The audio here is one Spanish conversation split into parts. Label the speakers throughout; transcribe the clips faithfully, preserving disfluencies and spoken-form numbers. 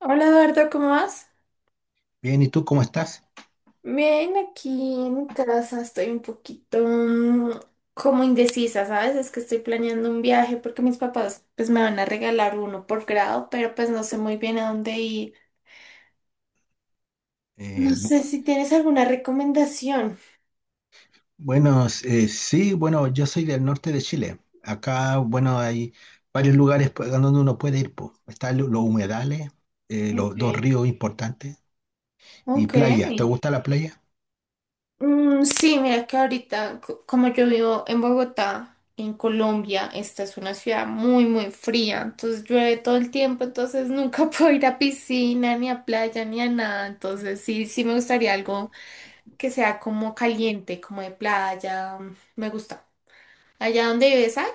Speaker 1: Hola Eduardo, ¿cómo vas?
Speaker 2: Bien, ¿y tú cómo estás?
Speaker 1: Bien, aquí en casa estoy un poquito mm, como indecisa, ¿sabes? Es que estoy planeando un viaje porque mis papás pues me van a regalar uno por grado, pero pues no sé muy bien a dónde ir.
Speaker 2: Eh,
Speaker 1: No
Speaker 2: bu-
Speaker 1: sé si tienes alguna recomendación.
Speaker 2: bueno, eh, sí, bueno, yo soy del norte de Chile. Acá, bueno, hay varios lugares pues, a donde uno puede ir, po. Están lo- los humedales, eh, los dos
Speaker 1: Ok.
Speaker 2: ríos importantes y
Speaker 1: Ok.
Speaker 2: playas. ¿Te gusta la playa?
Speaker 1: Mm, sí, mira que ahorita, co- como yo vivo en Bogotá, en Colombia, esta es una ciudad muy, muy fría, entonces llueve todo el tiempo, entonces nunca puedo ir a piscina, ni a playa, ni a nada, entonces sí, sí me gustaría algo que sea como caliente, como de playa, mm, me gusta. Allá donde vives, hay.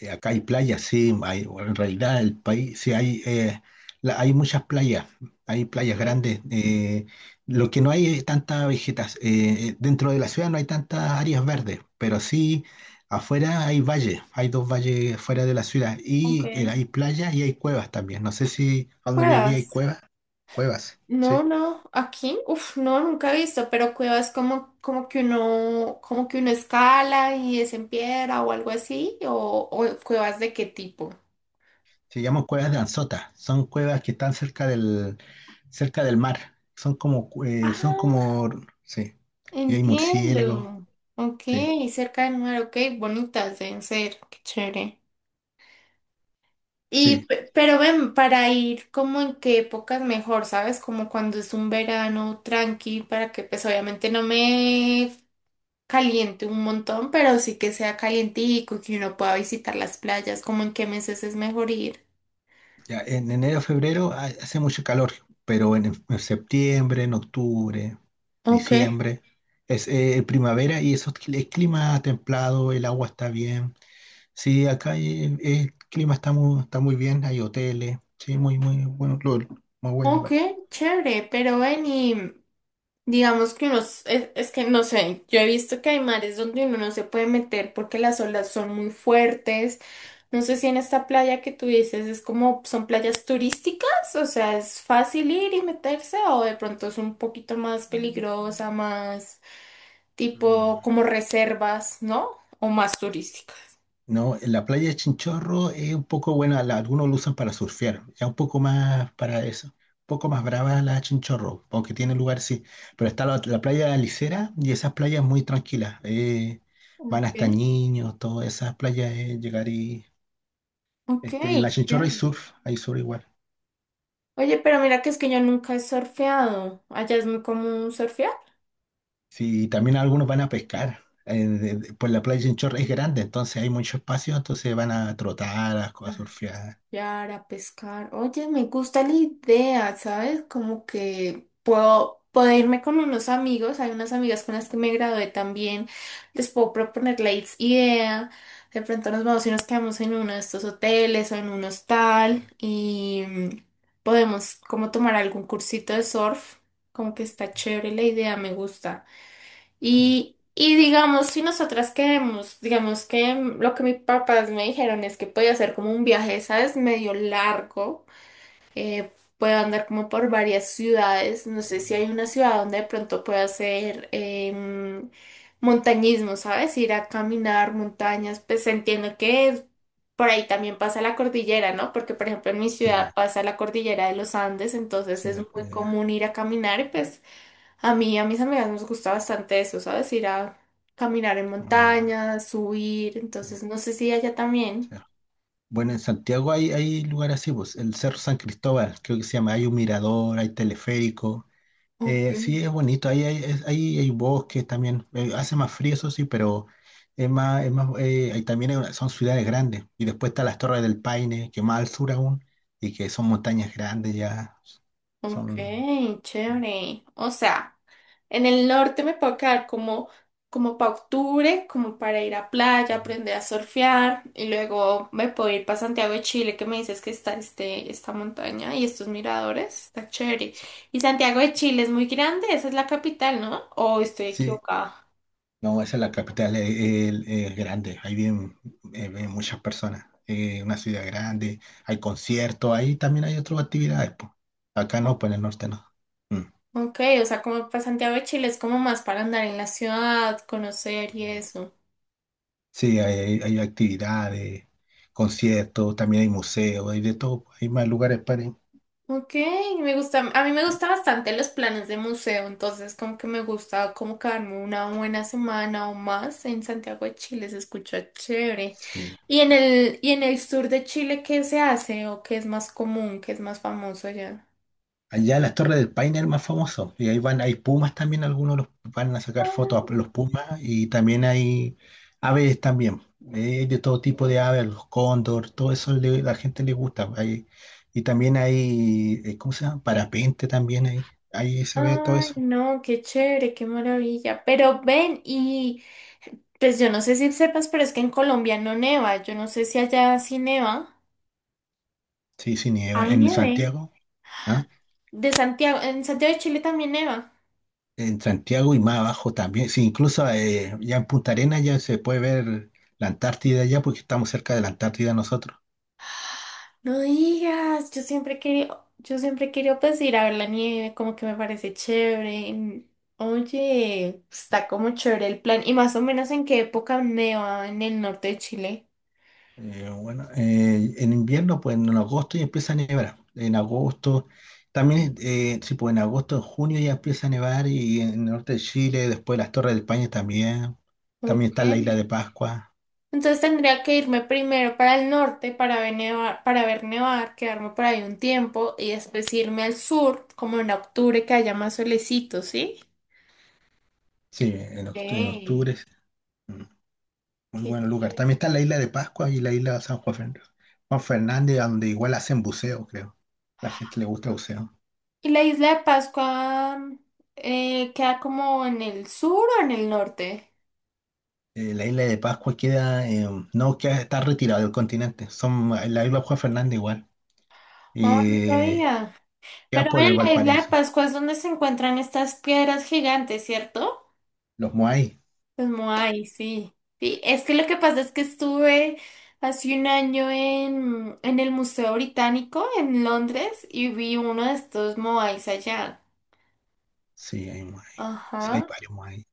Speaker 2: eh, Acá hay playas, sí, hay, en realidad el país, sí, hay, eh, la- hay muchas playas, hay playas
Speaker 1: Ok.
Speaker 2: grandes. Eh, lo que no hay es tanta vegetación, dentro de la ciudad no hay tantas áreas verdes, pero sí afuera hay valles, hay dos valles fuera de la ciudad
Speaker 1: ok.
Speaker 2: y eh, hay playas y hay cuevas también. No sé si donde viví hay
Speaker 1: Cuevas.
Speaker 2: cuevas, cuevas,
Speaker 1: No,
Speaker 2: sí.
Speaker 1: no, aquí, Uf, no, nunca he visto, pero cuevas como, como que uno, como que uno escala y es en piedra o algo así, o, o cuevas de qué tipo.
Speaker 2: Se llaman cuevas de Anzota, son cuevas que están cerca del, cerca del mar. Son como, eh, son
Speaker 1: Ah,
Speaker 2: como, sí. Y hay murciélagos,
Speaker 1: entiendo. Ok,
Speaker 2: sí,
Speaker 1: cerca del mar, ok, bonitas deben ser, qué chévere.
Speaker 2: sí.
Speaker 1: Y, pe- pero ven, para ir como en qué épocas mejor, ¿sabes? Como cuando es un verano tranqui, para que pues obviamente no me caliente un montón, pero sí que sea calientico y que uno pueda visitar las playas, como en qué meses es mejor ir.
Speaker 2: Ya, en enero, febrero ha- hace mucho calor, pero en, en septiembre, en octubre,
Speaker 1: Ok.
Speaker 2: diciembre, es eh, primavera y eso, es cli- es clima templado, el agua está bien. Sí, acá hay, el, el clima está muy, está muy bien, hay hoteles, sí, muy, muy bueno, lo- muy buen
Speaker 1: Ok,
Speaker 2: lugar.
Speaker 1: chévere, pero ven y digamos que uno, es, es que no sé, yo he visto que hay mares donde uno no se puede meter porque las olas son muy fuertes. No sé si en esta playa que tú dices es como, son playas turísticas, o sea, es fácil ir y meterse o de pronto es un poquito más peligrosa, más
Speaker 2: Mm.
Speaker 1: tipo como reservas, ¿no? O más turística.
Speaker 2: No, en la playa de Chinchorro es un poco buena, la- algunos lo usan para surfear, ya un poco más para eso, un poco más brava la de Chinchorro, aunque tiene lugar, sí, pero está la, la playa de la Licera y esas playas muy tranquilas, eh, van
Speaker 1: Ok,
Speaker 2: hasta niños, todas esas playas, eh, llegar y,
Speaker 1: ok,
Speaker 2: este, en la Chinchorro hay
Speaker 1: chévere.
Speaker 2: surf, hay surf igual,
Speaker 1: Oye, pero mira que es que yo nunca he surfeado. Allá es muy común surfear.
Speaker 2: sí, y también algunos van a pescar, eh, de- de- pues la playa de Chinchorro es grande, entonces hay mucho espacio, entonces van a trotar, a, a surfear,
Speaker 1: Para pescar. Oye, me gusta la idea, ¿sabes? Como que puedo, puedo irme con unos amigos. Hay unas amigas con las que me gradué también. Les puedo proponer la is- idea. De pronto nos vamos y nos quedamos en uno de estos hoteles o en un hostal y mm, podemos como tomar algún cursito de surf. Como que está chévere la idea, me gusta.
Speaker 2: sí,
Speaker 1: Y, y digamos, si nosotras queremos, digamos que mm, lo que mis papás me dijeron es que podía hacer como un viaje, ¿sabes? Medio largo, eh, puedo andar como por varias ciudades, no sé si hay una ciudad donde de pronto pueda hacer em, montañismo, ¿sabes? Ir a caminar montañas, pues entiendo que por ahí también pasa la cordillera, ¿no? Porque por ejemplo en mi
Speaker 2: sí,
Speaker 1: ciudad pasa la cordillera de los Andes, entonces
Speaker 2: sí,
Speaker 1: es
Speaker 2: la
Speaker 1: muy
Speaker 2: playa,
Speaker 1: común ir a caminar y pues... A mí, a mis amigas nos gusta bastante eso, ¿sabes? Ir a caminar en
Speaker 2: ah,
Speaker 1: montañas, subir,
Speaker 2: sí.
Speaker 1: entonces no sé si allá también.
Speaker 2: Sí. Bueno, en Santiago hay, hay lugares así, pues, el Cerro San Cristóbal, creo que se llama, hay un mirador, hay teleférico.
Speaker 1: Ok.
Speaker 2: Eh, sí, es bonito, ahí hay, es- ahí hay bosques también, eh, hace más frío, eso sí, pero es más, es más, eh, ahí también hay una, son ciudades grandes. Y después están las Torres del Paine, que más al sur aún, y que son montañas grandes ya,
Speaker 1: Ok,
Speaker 2: son...
Speaker 1: chévere. O sea, en el norte me puedo quedar como, como para octubre, como para ir a playa, aprender a surfear, y luego me puedo ir para Santiago de Chile, que me dices que está este, esta montaña y estos miradores, está chévere.
Speaker 2: Sí,
Speaker 1: Y Santiago de Chile es muy grande, esa es la capital, ¿no? ¿O estoy
Speaker 2: sí.
Speaker 1: equivocada?
Speaker 2: No, esa es la capital, es, es- es grande, ahí viven, eh, viven muchas personas, es una ciudad grande, hay conciertos, ahí también hay otras actividades, po. Acá no, pues en el norte no. Mm.
Speaker 1: Ok, o sea, como para Santiago de Chile es como más para andar en la ciudad, conocer y eso.
Speaker 2: Sí, hay, hay actividades, conciertos, también hay museos, hay de todo, hay más lugares para ir.
Speaker 1: Ok, me gusta, a mí me gusta bastante los planes de museo, entonces como que me gusta como quedarme una buena semana o más en Santiago de Chile, se escucha chévere.
Speaker 2: Sí.
Speaker 1: ¿Y en el, y en el sur de Chile qué se hace o qué es más común, qué es más famoso allá?
Speaker 2: Allá las Torres del Paine es el más famoso. Y ahí van, hay pumas también, algunos los van a sacar fotos
Speaker 1: Ah,
Speaker 2: a los pumas y también hay aves también. Eh, de todo tipo de aves, los cóndor, todo eso le- la gente le gusta. Hay, y también hay, eh, ¿cómo se llama? Parapente también ahí. Ahí se ve todo
Speaker 1: ay,
Speaker 2: eso.
Speaker 1: no, qué chévere, qué maravilla. Pero ven, ¿y Pues yo no sé si sepas, pero es que en Colombia no neva. Yo no sé si allá sí neva.
Speaker 2: Sí, sí, nieva.
Speaker 1: Ay,
Speaker 2: En
Speaker 1: nieve.
Speaker 2: Santiago, ¿ah?
Speaker 1: De Santiago, en Santiago de Chile también neva.
Speaker 2: En Santiago y más abajo también. Sí, incluso eh, ya en Punta Arenas ya se puede ver la Antártida ya porque estamos cerca de la Antártida nosotros.
Speaker 1: No digas, yo siempre quería, yo siempre quería pues ir a ver la nieve, como que me parece chévere. Oye, está como chévere el plan. ¿Y más o menos en qué época neva en el norte de Chile?
Speaker 2: Eh, bueno, eh, en invierno, pues en agosto ya empieza a nevar. En agosto, también, eh, sí, pues en agosto, en junio ya empieza a nevar y en el norte de Chile, después las Torres de España también. También
Speaker 1: Ok.
Speaker 2: está la isla de Pascua,
Speaker 1: Entonces tendría que irme primero para el norte para ver nevar, para ver nevar, quedarme por ahí un tiempo y después irme al sur, como en octubre que haya más solecito, ¿sí?
Speaker 2: sí, en, oct- en
Speaker 1: Ey,
Speaker 2: octubre. Sí. Mm, muy
Speaker 1: qué
Speaker 2: buen lugar.
Speaker 1: ch-
Speaker 2: También está la isla de Pascua y la isla de San Juan Fernández, Juan Fernández, donde igual hacen buceo, creo. La gente le gusta el buceo.
Speaker 1: ¿Y la isla de Pascua eh, queda como en el sur o en el norte?
Speaker 2: Eh, la isla de Pascua queda, eh, no, queda, está retirada del continente. Son, la isla de Juan Fernández igual.
Speaker 1: Oh, no
Speaker 2: Eh,
Speaker 1: sabía.
Speaker 2: Quedan
Speaker 1: Pero
Speaker 2: por el
Speaker 1: en la isla de
Speaker 2: Valparaíso.
Speaker 1: Pascua es donde se encuentran estas piedras gigantes, ¿cierto?
Speaker 2: Los Moai,
Speaker 1: Los Moai, sí. Sí, es que lo que pasa es que estuve hace un año en, en el Museo Británico en Londres y vi uno de estos Moais allá.
Speaker 2: sí, hay Moai. Sí, hay
Speaker 1: Ajá,
Speaker 2: varios Moai.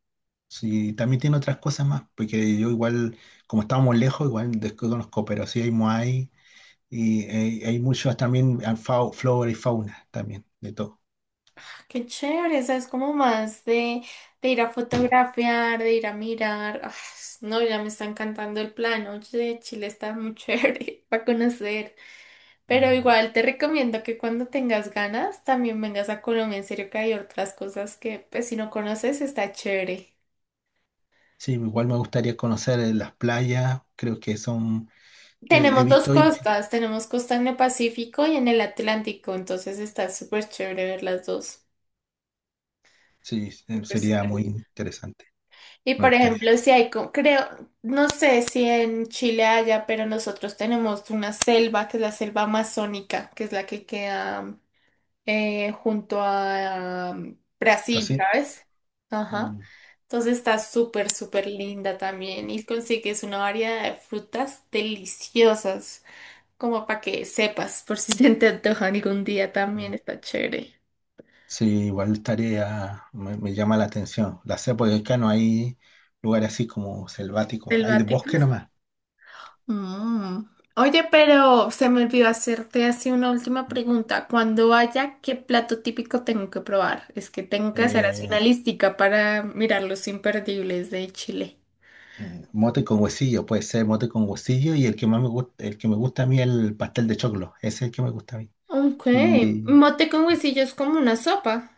Speaker 2: Sí, también tiene otras cosas más, porque yo igual, como estábamos lejos, igual desconozco, pero sí hay Moai y eh, hay muchos también, ah, fau- flora y fauna también, de todo.
Speaker 1: qué chévere, o es como más de, de, ir a fotografiar, de ir a mirar. Ah, no, ya me está encantando el plan, oye, Chile está muy chévere para conocer. Pero
Speaker 2: Mm.
Speaker 1: igual te recomiendo que cuando tengas ganas también vengas a Colombia, en serio que hay otras cosas que pues si no conoces está chévere.
Speaker 2: Sí, igual me gustaría conocer eh, las playas, creo que son, eh, he
Speaker 1: Tenemos dos
Speaker 2: visto, y
Speaker 1: costas, tenemos costa en el Pacífico y en el Atlántico, entonces está súper chévere ver las dos.
Speaker 2: sí, eh,
Speaker 1: Súper,
Speaker 2: sería
Speaker 1: súper
Speaker 2: muy
Speaker 1: lindo.
Speaker 2: interesante,
Speaker 1: Y
Speaker 2: me
Speaker 1: por
Speaker 2: gustaría.
Speaker 1: ejemplo, si hay, co- creo, no sé si en Chile haya, pero nosotros tenemos una selva, que es la selva amazónica, que es la que queda eh, junto a um, Brasil,
Speaker 2: ¿Así?
Speaker 1: ¿sabes? Ajá.
Speaker 2: Mm,
Speaker 1: Entonces está súper, súper linda también y consigues una variedad de frutas deliciosas. como para que sepas, por si se te antoja algún día
Speaker 2: mm.
Speaker 1: también está chévere.
Speaker 2: Sí, igual tarea me, me llama la atención. La sé porque acá no hay lugares así como selváticos, hay de bosque
Speaker 1: Selváticos.
Speaker 2: nomás.
Speaker 1: Mm. Oye, pero se me olvidó hacerte así una última pregunta. Cuando vaya, ¿qué plato típico tengo que probar? Es que tengo que hacer así una
Speaker 2: Eh,
Speaker 1: listica para mirar los imperdibles de Chile.
Speaker 2: mm, mote con huesillo, puede ser mote con huesillo y el que más me gusta, el que me gusta a mí es el pastel de choclo, ese es el que me gusta a mí.
Speaker 1: Ok,
Speaker 2: Y
Speaker 1: mote con huesillo es como una sopa.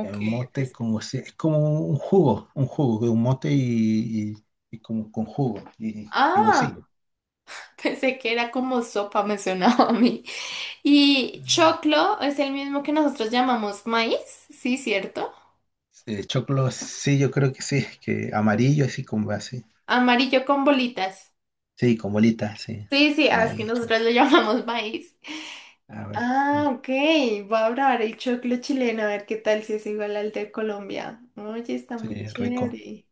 Speaker 2: el mote
Speaker 1: es-
Speaker 2: con huesillo, es como un jugo, un jugo, de un mote y, y- y como con jugo y, y
Speaker 1: Ah,
Speaker 2: huesillo.
Speaker 1: pensé que era como sopa, me sonaba a mí. Y choclo es el mismo que nosotros llamamos maíz, sí, ¿cierto?
Speaker 2: Eh, choclo, sí, yo creo que sí, que amarillo así como así,
Speaker 1: Amarillo con bolitas.
Speaker 2: sí, con bolitas, sí.
Speaker 1: Sí, sí, ah, es que
Speaker 2: Maíz.
Speaker 1: nosotros lo llamamos maíz.
Speaker 2: Ah, bueno.
Speaker 1: Ah,
Speaker 2: Mm.
Speaker 1: ok. Voy a probar el choclo chileno a ver qué tal si es igual al de Colombia. Oye, está
Speaker 2: Sí,
Speaker 1: muy
Speaker 2: es rico.
Speaker 1: chévere.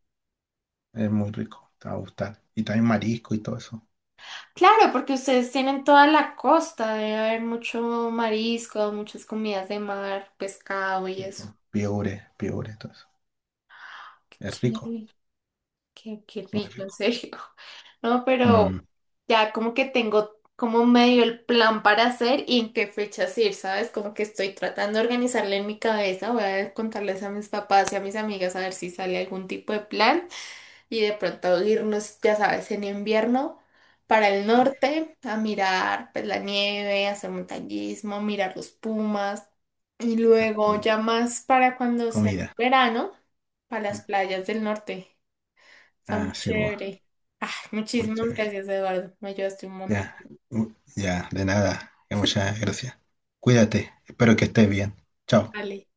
Speaker 2: Es muy rico. Te va a gustar. Y también marisco y todo eso.
Speaker 1: Claro, porque ustedes tienen toda la costa, debe haber mucho marisco, muchas comidas de mar, pescado y
Speaker 2: Sí,
Speaker 1: eso.
Speaker 2: pues, piure, piure, todo eso.
Speaker 1: Qué
Speaker 2: Es rico,
Speaker 1: chévere. Qué, qué
Speaker 2: muy
Speaker 1: rico, en
Speaker 2: rico.
Speaker 1: serio. No, pero
Speaker 2: Mm,
Speaker 1: ya como que tengo como medio el plan para hacer y en qué fechas ir, ¿sabes? Como que estoy tratando de organizarle en mi cabeza. Voy a contarles a mis papás y a mis amigas a ver si sale algún tipo de plan y de pronto irnos, ya sabes, en invierno para el norte a mirar pues la nieve, hacer montañismo, mirar los pumas y
Speaker 2: uh,
Speaker 1: luego ya más para cuando sea
Speaker 2: comida.
Speaker 1: verano, para las
Speaker 2: Mm,
Speaker 1: playas del norte. Está muy
Speaker 2: ah, sí, pues,
Speaker 1: chévere. Ah,
Speaker 2: muy
Speaker 1: muchísimas
Speaker 2: chévere.
Speaker 1: gracias, Eduardo. Me ayudaste un montón.
Speaker 2: Ya, uh, ya, de nada. Ya, muchas gracias. Cuídate. Espero que estés bien. Chao.
Speaker 1: Vale.